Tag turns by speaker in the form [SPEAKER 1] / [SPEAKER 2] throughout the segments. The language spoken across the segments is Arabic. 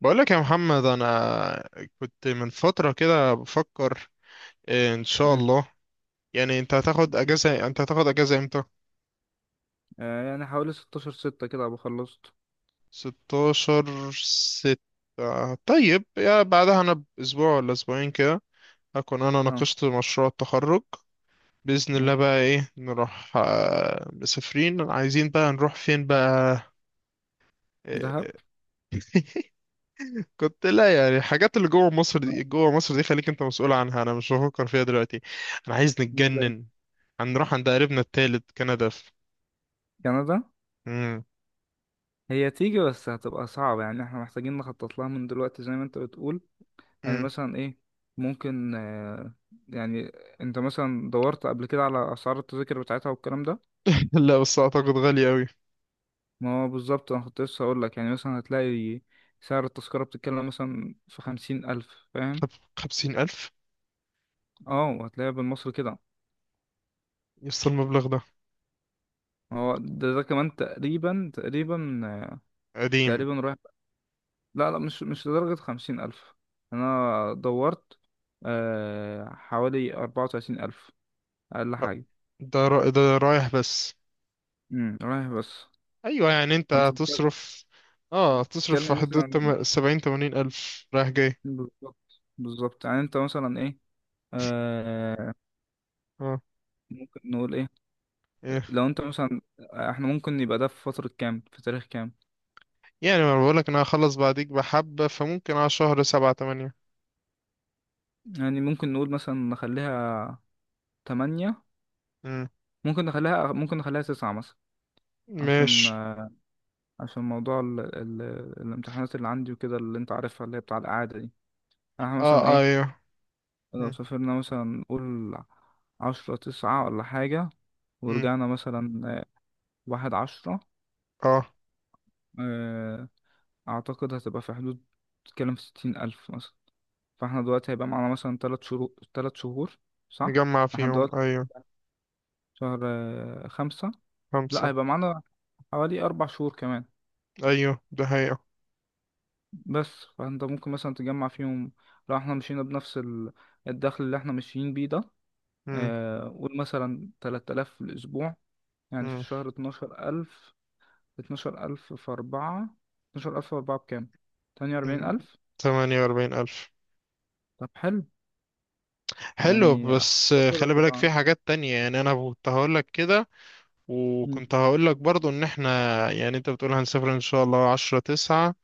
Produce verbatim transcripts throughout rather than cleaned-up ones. [SPEAKER 1] بقولك يا محمد، انا كنت من فترة كده بفكر، إيه، ان شاء
[SPEAKER 2] مم.
[SPEAKER 1] الله. يعني انت هتاخد اجازة انت هتاخد اجازة امتى؟
[SPEAKER 2] آه يعني حوالي ستة عشر ستة كده أبقى خلصت.
[SPEAKER 1] ستة عشر ستة. طيب، يا بعدها انا باسبوع ولا اسبوعين كده هكون انا
[SPEAKER 2] اه.
[SPEAKER 1] ناقشت مشروع التخرج بإذن
[SPEAKER 2] اه.
[SPEAKER 1] الله. بقى ايه، نروح، آه، مسافرين، عايزين بقى نروح فين بقى؟
[SPEAKER 2] دهب.
[SPEAKER 1] إيه؟ كنت، لا يعني الحاجات اللي جوه مصر
[SPEAKER 2] لا.
[SPEAKER 1] دي، جوه مصر دي خليك انت مسؤول عنها، انا مش بفكر فيها دلوقتي. انا عايز
[SPEAKER 2] لا.
[SPEAKER 1] نتجنن. هنروح عند قريبنا التالت، كندا، في...
[SPEAKER 2] كندا.
[SPEAKER 1] مم.
[SPEAKER 2] هي تيجي، بس هتبقى صعبة، يعني احنا محتاجين نخطط لها من دلوقتي زي ما انت بتقول. يعني
[SPEAKER 1] مم.
[SPEAKER 2] مثلا ايه، ممكن آه، يعني انت مثلا دورت قبل كده على اسعار التذاكر بتاعتها والكلام ده.
[SPEAKER 1] لا، بس اعتقد غالي قوي.
[SPEAKER 2] ما هو بالظبط انا كنت لسه هقول لك، يعني مثلا هتلاقي سعر التذكرة بتتكلم مثلا في خمسين ألف، فاهم؟
[SPEAKER 1] خمسين الف؟
[SPEAKER 2] اه، وهتلاقيها بالمصري كده.
[SPEAKER 1] يوصل المبلغ ده؟
[SPEAKER 2] ما هو ده, ده كمان تقريبا تقريبا
[SPEAKER 1] قديم.
[SPEAKER 2] تقريبا رايح. لا لا، مش مش لدرجة خمسين ألف. أنا دورت، آه حوالي أربعة وتلاتين ألف أقل
[SPEAKER 1] أ-
[SPEAKER 2] حاجة.
[SPEAKER 1] ده را... ده رايح بس؟
[SPEAKER 2] امم، رايح بس.
[SPEAKER 1] ايوه، يعني انت
[SPEAKER 2] فأنت بتك-
[SPEAKER 1] هتصرف اه هتصرف في
[SPEAKER 2] بتتكلم
[SPEAKER 1] حدود
[SPEAKER 2] مثلا.
[SPEAKER 1] تم... سبعين تمانين الف رايح جاي.
[SPEAKER 2] بالظبط بالظبط، يعني أنت مثلا إيه، آه
[SPEAKER 1] اه.
[SPEAKER 2] ممكن نقول إيه،
[SPEAKER 1] إيه.
[SPEAKER 2] لو أنت مثلا إحنا ممكن يبقى ده في فترة كام في تاريخ كام؟
[SPEAKER 1] يعني ما بقولك، انا هخلص بعديك بحبة، فممكن على شهر سبعة تمانية.
[SPEAKER 2] يعني ممكن نقول مثلا نخليها تمانية،
[SPEAKER 1] مم.
[SPEAKER 2] ممكن نخليها، ممكن نخليها تسعة مثلا، عشان
[SPEAKER 1] ماشي.
[SPEAKER 2] آه، عشان موضوع ال... ال... الامتحانات اللي عندي وكده، اللي أنت عارفها، اللي هي بتاع الإعادة دي. احنا مثلا
[SPEAKER 1] اه.
[SPEAKER 2] ايه،
[SPEAKER 1] ايوه.
[SPEAKER 2] لو
[SPEAKER 1] مم.
[SPEAKER 2] سافرنا مثلا نقول عشرة تسعة ولا حاجة،
[SPEAKER 1] مم.
[SPEAKER 2] ورجعنا مثلا آه، واحد عشرة.
[SPEAKER 1] اه.
[SPEAKER 2] آه، أعتقد هتبقى في حدود، تتكلم في ستين ألف مثلا. فاحنا دلوقتي هيبقى معانا مثلا تلات شهور تلات شهور، صح؟
[SPEAKER 1] مجمع
[SPEAKER 2] احنا
[SPEAKER 1] فيهم،
[SPEAKER 2] دلوقتي
[SPEAKER 1] ايوه.
[SPEAKER 2] شهر آه، خمسة. لا،
[SPEAKER 1] خمسة.
[SPEAKER 2] هيبقى معانا حوالي أربع شهور كمان.
[SPEAKER 1] ايوه، ده حقيقة.
[SPEAKER 2] بس فانت ممكن مثلا تجمع فيهم، لو احنا مشينا بنفس ال- الدخل اللي احنا ماشيين بيه ده.
[SPEAKER 1] مم.
[SPEAKER 2] آه، قول مثلا تلات آلاف في الأسبوع، يعني في
[SPEAKER 1] مم.
[SPEAKER 2] الشهر اتناشر ألف. اتناشر ألف في أربعة، اتناشر ألف في أربعة بكام؟ تمانية وأربعين
[SPEAKER 1] مم.
[SPEAKER 2] ألف؟
[SPEAKER 1] تمانية واربعين الف.
[SPEAKER 2] طب حلو،
[SPEAKER 1] حلو،
[SPEAKER 2] يعني
[SPEAKER 1] بس آه،
[SPEAKER 2] أعتقد
[SPEAKER 1] خلي بالك
[SPEAKER 2] هتبقى.
[SPEAKER 1] في حاجات تانية. يعني انا كنت هقول لك كده.
[SPEAKER 2] مم.
[SPEAKER 1] وكنت هقول لك برضو ان احنا، يعني انت بتقول هنسافر ان شاء الله عشرة تسعة.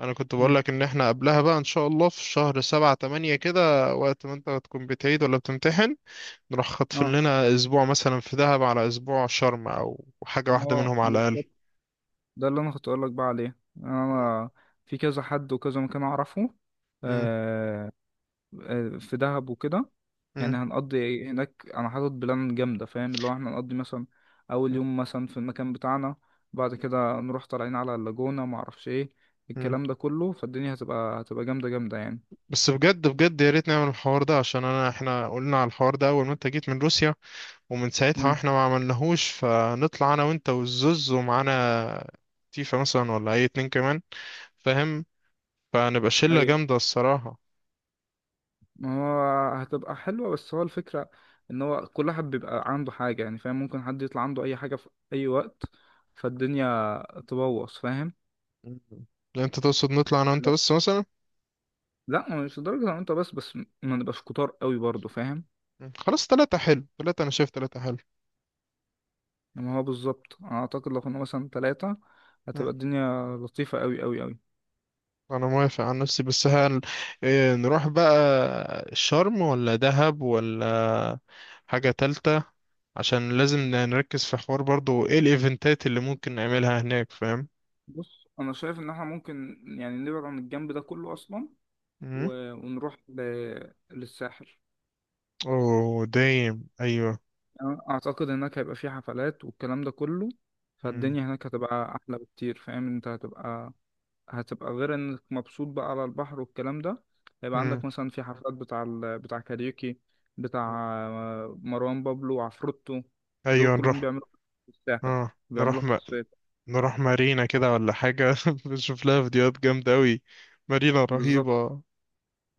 [SPEAKER 1] انا كنت بقول
[SPEAKER 2] مم.
[SPEAKER 1] لك ان احنا قبلها بقى ان شاء الله في شهر سبعة تمانية كده، وقت ما انت هتكون بتعيد ولا بتمتحن، نروح خاطفين
[SPEAKER 2] اه
[SPEAKER 1] لنا اسبوع مثلا في دهب، على اسبوع شرم، او حاجة واحدة
[SPEAKER 2] هو
[SPEAKER 1] منهم على الاقل.
[SPEAKER 2] بالظبط، ده اللي أنا كنت أقولك بقى عليه. يعني أنا في كذا حد وكذا مكان أعرفه،
[SPEAKER 1] مم.
[SPEAKER 2] آه آه، في دهب وكده. يعني
[SPEAKER 1] مم.
[SPEAKER 2] هنقضي هناك، انا حاطط بلان جامده، فاهم؟ اللي هو احنا هنقضي مثلا اول
[SPEAKER 1] مم.
[SPEAKER 2] يوم مثلا في المكان بتاعنا، بعد
[SPEAKER 1] مم.
[SPEAKER 2] كده نروح طالعين على اللاجونه، ما اعرفش ايه
[SPEAKER 1] مم.
[SPEAKER 2] الكلام ده كله. فالدنيا هتبقى هتبقى جامده جامده يعني.
[SPEAKER 1] بس بجد بجد، يا ريت نعمل الحوار ده، عشان انا، احنا قلنا على الحوار ده اول ما انت جيت من روسيا، ومن ساعتها
[SPEAKER 2] مم.
[SPEAKER 1] واحنا ما عملناهوش. فنطلع انا وانت والزوز، ومعانا تيفا مثلا، ولا اي اتنين كمان، فاهم؟ فنبقى شلة
[SPEAKER 2] ايوه،
[SPEAKER 1] جامدة الصراحة.
[SPEAKER 2] ما هو هتبقى حلوه، بس هو الفكره ان هو كل واحد بيبقى عنده حاجه يعني، فاهم؟ ممكن حد يطلع عنده اي حاجه في اي وقت، فالدنيا تبوظ، فاهم؟
[SPEAKER 1] مم. انت تقصد نطلع انا وانت
[SPEAKER 2] اللي هو-
[SPEAKER 1] بس مثلا؟
[SPEAKER 2] لا مش لدرجه ان انت بس، بس ما نبقاش كتار قوي برضه، فاهم؟
[SPEAKER 1] مم. خلاص، تلاتة حلو، تلاتة انا شايف، تلاتة حلو.
[SPEAKER 2] ما هو بالظبط، انا اعتقد لو كنا مثلا ثلاثة هتبقى
[SPEAKER 1] مم.
[SPEAKER 2] الدنيا لطيفة قوي قوي قوي.
[SPEAKER 1] انا موافق عن نفسي، بس هل، إيه، نروح بقى شرم ولا دهب ولا حاجة تالتة؟ عشان لازم ن- نركز في حوار برضو، ايه الايفنتات اللي ممكن نعملها هناك، فاهم؟
[SPEAKER 2] بص انا شايف ان احنا ممكن يعني نبعد عن الجنب ده كله اصلا،
[SPEAKER 1] مم.
[SPEAKER 2] و- ونروح ل... للساحل.
[SPEAKER 1] اوه، دايم، ايوه.
[SPEAKER 2] أنا اعتقد هناك هيبقى في حفلات والكلام ده كله،
[SPEAKER 1] مم.
[SPEAKER 2] فالدنيا هناك هتبقى احلى بكتير، فاهم؟ انت هتبقى، هتبقى غير انك مبسوط بقى على البحر والكلام ده، هيبقى
[SPEAKER 1] مم.
[SPEAKER 2] عندك مثلا في حفلات بتاع ال... بتاع كاريوكي، بتاع آه، مروان بابلو وعفروتو. دول
[SPEAKER 1] ايوه
[SPEAKER 2] كلهم
[SPEAKER 1] نروح.
[SPEAKER 2] بيعملوا في الساحل،
[SPEAKER 1] اه.
[SPEAKER 2] بيعملوها
[SPEAKER 1] نروح
[SPEAKER 2] في
[SPEAKER 1] م...
[SPEAKER 2] الصيف.
[SPEAKER 1] نروح مارينا كده ولا حاجة؟ بنشوف لها فيديوهات جامدة أوي. مارينا
[SPEAKER 2] بالظبط.
[SPEAKER 1] رهيبة.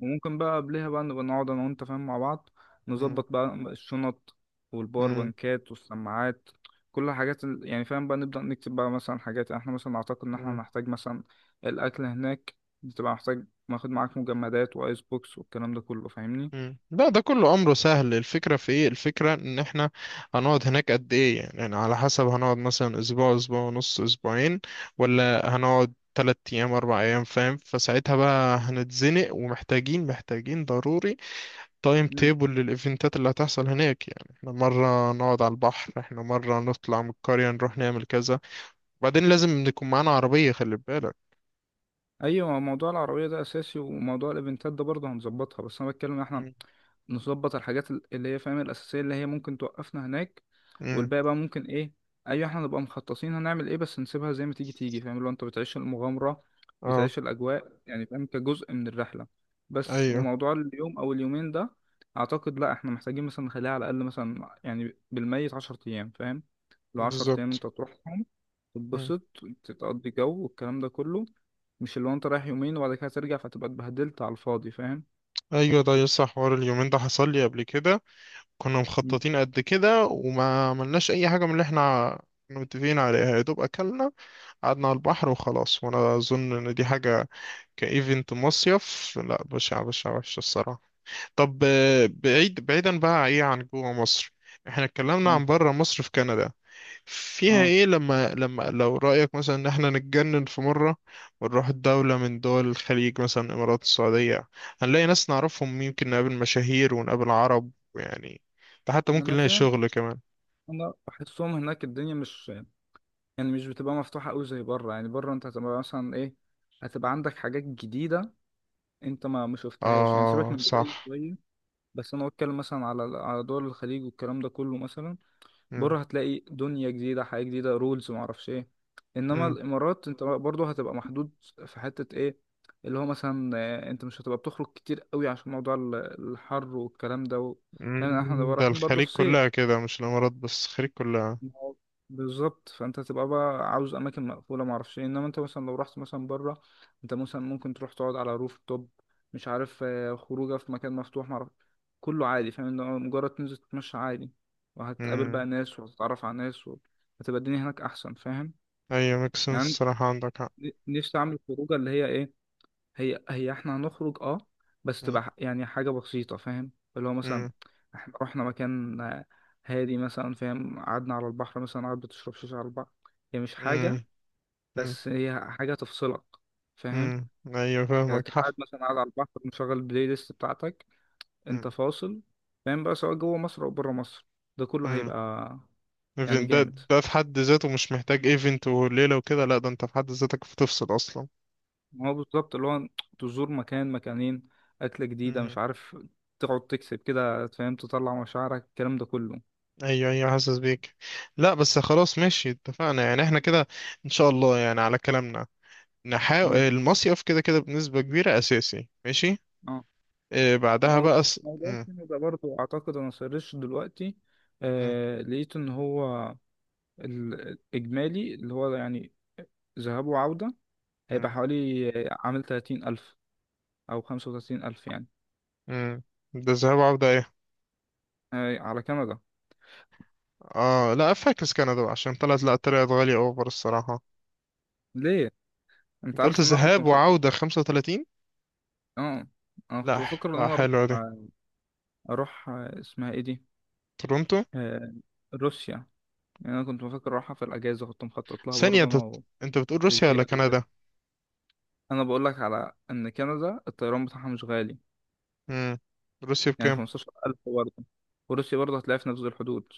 [SPEAKER 2] وممكن بقى قبلها بقى نبقى نقعد انا وانت، فاهم؟ مع بعض
[SPEAKER 1] مم.
[SPEAKER 2] نظبط بقى الشنط والباور بانكات والسماعات، كل حاجات ال... يعني، فاهم؟ بقى نبدأ نكتب بقى مثلا حاجات، يعني احنا مثلا نعتقد ان احنا
[SPEAKER 1] مم.
[SPEAKER 2] هنحتاج مثلا الاكل هناك، بتبقى محتاج ناخد معاك مجمدات وايس بوكس والكلام ده كله، فاهمني؟
[SPEAKER 1] مم. لا، ده كله امره سهل. الفكره في ايه، الفكره ان احنا هنقعد هناك قد ايه يعني، يعني على حسب. هنقعد مثلا اسبوع، اسبوع ونص، اسبوعين، ولا هنقعد تلات ايام اربع ايام، فاهم؟ فساعتها بقى هنتزنق، ومحتاجين محتاجين ضروري تايم تيبل للايفنتات اللي هتحصل هناك. يعني احنا مره نقعد على البحر، احنا مره نطلع من القريه نروح نعمل كذا، وبعدين لازم نكون معانا عربيه، خلي بالك.
[SPEAKER 2] ايوه، موضوع العربيه ده اساسي، وموضوع الايفنتات ده برضه هنظبطها، بس انا بتكلم إن احنا
[SPEAKER 1] مم.
[SPEAKER 2] نظبط الحاجات ال- اللي هي فاهم الاساسيه اللي هي ممكن توقفنا هناك،
[SPEAKER 1] مم.
[SPEAKER 2] والباقي بقى ممكن ايه، ايوه احنا نبقى مخططين هنعمل ايه، بس نسيبها زي ما تيجي تيجي، فاهم؟ لو انت بتعيش المغامره،
[SPEAKER 1] اه
[SPEAKER 2] بتعيش الاجواء يعني، فاهم؟ كجزء من الرحله. بس
[SPEAKER 1] ايوه.
[SPEAKER 2] وموضوع اليوم او اليومين ده، اعتقد لا احنا محتاجين مثلا نخليها على الاقل مثلا يعني بالميت عشرة ايام، فاهم؟ لو عشرة ايام
[SPEAKER 1] بالظبط.
[SPEAKER 2] انت تروحهم، تتبسط، تقضي جو والكلام ده كله. مش اللي هو انت رايح يومين وبعد كده ترجع، فتبقى اتبهدلت على الفاضي، فاهم؟
[SPEAKER 1] ايوه، ده يسطا حوار، اليومين ده حصل لي قبل كده. كنا
[SPEAKER 2] مم.
[SPEAKER 1] مخططين قد كده وما عملناش اي حاجه من اللي احنا كنا متفقين عليها. يا دوب اكلنا، قعدنا على البحر وخلاص. وانا اظن ان دي حاجه كايفنت مصيف، لا بشع بشع، وحشه الصراحه. طب، آه، بعيد بعيدا بقى، ايه عن جوه مصر؟ احنا اتكلمنا
[SPEAKER 2] اه.
[SPEAKER 1] عن بره مصر في كندا، فيها
[SPEAKER 2] اه.
[SPEAKER 1] ايه لما لما لو رأيك مثلا ان احنا نتجنن في مرة ونروح دولة من دول الخليج، مثلا الامارات، السعودية، هنلاقي ناس نعرفهم، يمكن نقابل مشاهير ونقابل عرب يعني. ده حتى ممكن
[SPEAKER 2] انا
[SPEAKER 1] نلاقي
[SPEAKER 2] فاهم، بس
[SPEAKER 1] شغل كمان.
[SPEAKER 2] انا بحسهم هناك الدنيا مش يعني، مش بتبقى مفتوحه قوي زي بره، يعني بره انت هتبقى مثلا ايه، هتبقى عندك حاجات جديده انت ما ما شفتهاش، يعني سيبك
[SPEAKER 1] اه
[SPEAKER 2] من دبي
[SPEAKER 1] صح.
[SPEAKER 2] شويه، بس انا بتكلم مثلا على على دول الخليج والكلام ده كله مثلا.
[SPEAKER 1] مم.
[SPEAKER 2] بره هتلاقي دنيا جديدة، حياة جديدة، رولز، معرفش ايه. انما
[SPEAKER 1] مم.
[SPEAKER 2] الامارات انت برضه هتبقى محدود في حتة ايه، اللي هو مثلا آه، انت مش هتبقى بتخرج كتير قوي عشان موضوع ال- الحر والكلام ده و... فاهم؟ احنا
[SPEAKER 1] مم.
[SPEAKER 2] نبقى
[SPEAKER 1] ده
[SPEAKER 2] رايحين برضه
[SPEAKER 1] الخليج
[SPEAKER 2] في صيف.
[SPEAKER 1] كلها كده، مش الامارات بس، الخليج كلها.
[SPEAKER 2] ما هو بالظبط، فانت هتبقى بقى عاوز اماكن مقفوله، ما اعرفش إيه. انما انت مثلا لو رحت مثلا بره، انت مثلا ممكن تروح تقعد على روف توب، مش عارف آه، خروجه في مكان مفتوح، ما اعرف، كله عادي، فاهم؟ إن هو مجرد تنزل تتمشى عادي وهتقابل
[SPEAKER 1] مم.
[SPEAKER 2] بقى ناس وهتتعرف على ناس و... هتبقى الدنيا هناك احسن، فاهم؟
[SPEAKER 1] ايوه، ميكسن
[SPEAKER 2] يعني
[SPEAKER 1] الصراحة، عندك حق.
[SPEAKER 2] أنا نفسي اعمل خروجه اللي هي ايه، هي هي احنا هنخرج اه، بس
[SPEAKER 1] مم.
[SPEAKER 2] تبقى ح- يعني حاجة بسيطة، فاهم؟ اللي هو مثلا
[SPEAKER 1] مم.
[SPEAKER 2] احنا رحنا مكان آه، هادي مثلا، فاهم؟ قعدنا على البحر مثلا، قاعد بتشرب شاي على البحر، هي مش حاجة،
[SPEAKER 1] مم. مم.
[SPEAKER 2] بس هي حاجة تفصلك، فاهم؟
[SPEAKER 1] مم. ايوه،
[SPEAKER 2] يعني
[SPEAKER 1] فاهمك،
[SPEAKER 2] تبقى
[SPEAKER 1] حق.
[SPEAKER 2] قاعد مثلا قاعد على البحر مشغل البلاي ليست بتاعتك،
[SPEAKER 1] مم.
[SPEAKER 2] انت فاصل، فاهم؟ بقى سواء جوه مصر او بره مصر، ده كله
[SPEAKER 1] مم.
[SPEAKER 2] هيبقى يعني
[SPEAKER 1] ايفنت ده.
[SPEAKER 2] جامد.
[SPEAKER 1] ده في حد ذاته مش محتاج ايفنت وليلة وكده، لا ده انت في حد ذاتك بتفصل اصلا.
[SPEAKER 2] ما هو بالظبط، اللي هو تزور مكان مكانين، أكلة جديدة،
[SPEAKER 1] مم.
[SPEAKER 2] مش عارف، تقعد تكسب كده، فاهم؟ تطلع مشاعرك الكلام ده كله.
[SPEAKER 1] ايوه ايوه، حاسس بيك. لا بس خلاص، ماشي، اتفقنا يعني. احنا كده ان شاء الله يعني على كلامنا نحاول
[SPEAKER 2] مم.
[SPEAKER 1] المصيف، كده كده بنسبة كبيرة اساسي، ماشي.
[SPEAKER 2] اه.
[SPEAKER 1] إيه بعدها بقى
[SPEAKER 2] وموضوع
[SPEAKER 1] س...
[SPEAKER 2] موضوع
[SPEAKER 1] مم.
[SPEAKER 2] الفيلم ده برضه اعتقد انا سرشت دلوقتي،
[SPEAKER 1] مم.
[SPEAKER 2] آه لقيت ان هو الاجمالي اللي هو يعني ذهاب وعودة هيبقى
[SPEAKER 1] مم.
[SPEAKER 2] حوالي آه، عامل تلاتين الف او خمسة وتلاتين الف يعني.
[SPEAKER 1] مم. ده الذهاب وعودة، ايه؟
[SPEAKER 2] آه، على كندا.
[SPEAKER 1] اه، لا، فاكس كندا بقى، عشان طلعت، لا طلعت غالية اوفر الصراحة.
[SPEAKER 2] ليه؟ انت
[SPEAKER 1] انت قلت
[SPEAKER 2] عارف ان انا كنت
[SPEAKER 1] ذهاب
[SPEAKER 2] مخطط.
[SPEAKER 1] وعودة خمسة وثلاثين.
[SPEAKER 2] اه، انا كنت
[SPEAKER 1] لا،
[SPEAKER 2] بفكر ان
[SPEAKER 1] لا
[SPEAKER 2] انا اروح
[SPEAKER 1] حلوة دي.
[SPEAKER 2] آه، اروح آه، اسمها ايه دي،
[SPEAKER 1] تورونتو.
[SPEAKER 2] آه روسيا. يعني انا كنت بفكر اروحها في الاجازة، كنت مخطط لها
[SPEAKER 1] ثانية
[SPEAKER 2] برضه
[SPEAKER 1] انت،
[SPEAKER 2] انا و-
[SPEAKER 1] انت بتقول روسيا ولا
[SPEAKER 2] وزياد وكده.
[SPEAKER 1] كندا؟
[SPEAKER 2] انا بقول لك على ان كندا الطيران بتاعها مش غالي،
[SPEAKER 1] امم. روسيا
[SPEAKER 2] يعني
[SPEAKER 1] بكام؟
[SPEAKER 2] خمستاشر ألف برضه. وروسيا برضه هتلاقيها في نفس الحدود،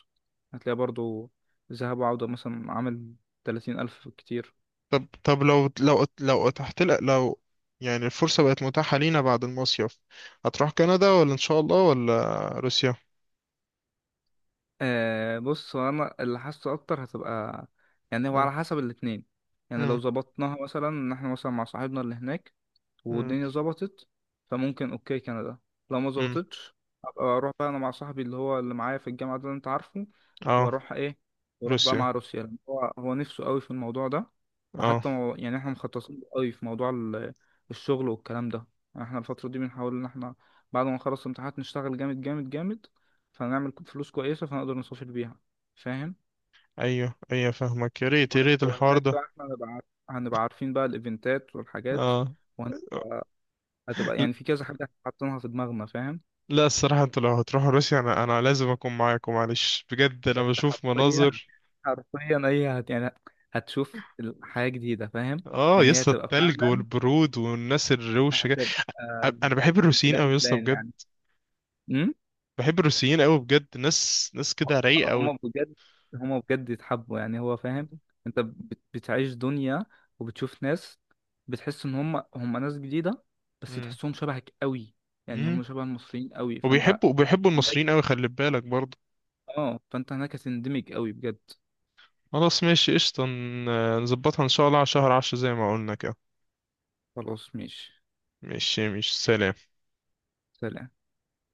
[SPEAKER 2] هتلاقيها برضه ذهاب وعودة مثلا عامل ثلاثين ألف، كتير.
[SPEAKER 1] طب طب، لو لو لو اتحت لك، لو يعني الفرصة بقت متاحة لينا بعد المصيف، هتروح كندا ولا ان شاء الله ولا روسيا؟
[SPEAKER 2] آه، بص هو أنا اللي حاسه أكتر هتبقى، يعني هو
[SPEAKER 1] امم.
[SPEAKER 2] على حسب الاتنين. يعني لو
[SPEAKER 1] امم.
[SPEAKER 2] ظبطناها مثلا إن إحنا مثلا مع صاحبنا اللي هناك
[SPEAKER 1] امم.
[SPEAKER 2] والدنيا ظبطت، فممكن اوكي كندا. لو ما
[SPEAKER 1] امم.
[SPEAKER 2] ظبطتش، ابقى اروح بقى انا مع صاحبي اللي هو اللي معايا في الجامعه ده اللي انت عارفه،
[SPEAKER 1] اه.
[SPEAKER 2] واروح ايه، واروح بقى
[SPEAKER 1] روسيا.
[SPEAKER 2] مع روسيا، لأن هو هو نفسه قوي في الموضوع ده.
[SPEAKER 1] اه.
[SPEAKER 2] وحتى مو- يعني احنا مخططين له قوي في موضوع ال- الشغل والكلام ده. يعني احنا الفتره دي بنحاول ان احنا بعد ما نخلص الامتحانات نشتغل جامد جامد جامد، فنعمل فلوس كويسه فنقدر نسافر بيها، فاهم؟
[SPEAKER 1] ايوه ايوه فاهمك. يا ريت يا
[SPEAKER 2] وه-
[SPEAKER 1] ريت الحوار
[SPEAKER 2] وهناك
[SPEAKER 1] ده.
[SPEAKER 2] بقى احنا هنبقى عارف- هنبقى عارفين بقى الايفنتات والحاجات،
[SPEAKER 1] اه.
[SPEAKER 2] هتبقى
[SPEAKER 1] ل-
[SPEAKER 2] يعني في كذا حاجة حاطينها في دماغنا، فاهم؟
[SPEAKER 1] لا الصراحة، انتوا لو هتروحوا روسيا انا انا لازم اكون معاكم، معلش، بجد انا
[SPEAKER 2] انت
[SPEAKER 1] بشوف
[SPEAKER 2] حرفيا،
[SPEAKER 1] مناظر.
[SPEAKER 2] حرفيا اي هت يعني هتشوف ال- حاجة جديدة، فاهم؟
[SPEAKER 1] اه
[SPEAKER 2] يعني هي
[SPEAKER 1] يسطا،
[SPEAKER 2] هتبقى
[SPEAKER 1] التلج
[SPEAKER 2] فعلا،
[SPEAKER 1] والبرود والناس الروشة.
[SPEAKER 2] هتبقى
[SPEAKER 1] أ- انا بحب الروسيين قوي يا
[SPEAKER 2] بلان
[SPEAKER 1] اسطى
[SPEAKER 2] بلان
[SPEAKER 1] بجد.
[SPEAKER 2] يعني. امم.
[SPEAKER 1] بحب الروسيين قوي بجد، ناس ناس كده رايقه قوي.
[SPEAKER 2] هما بجد، هما بجد يتحبوا يعني هو، فاهم؟ انت بت- بتعيش دنيا وبتشوف ناس، بتحس ان هما هما ناس جديدة، بس
[SPEAKER 1] امم.
[SPEAKER 2] تحسهم شبهك قوي، يعني
[SPEAKER 1] امم.
[SPEAKER 2] هما شبه المصريين قوي، فانت
[SPEAKER 1] وبيحبوا وبيحبوا المصريين
[SPEAKER 2] هناك.
[SPEAKER 1] قوي، خلي بالك برضه.
[SPEAKER 2] اه، فانت هناك هتندمج قوي بجد.
[SPEAKER 1] خلاص ماشي قشطه، ن- نظبطها ان شاء الله على شهر عشرة زي ما قلنا كده.
[SPEAKER 2] خلاص ماشي
[SPEAKER 1] ماشي. مش، سلام.
[SPEAKER 2] سلام.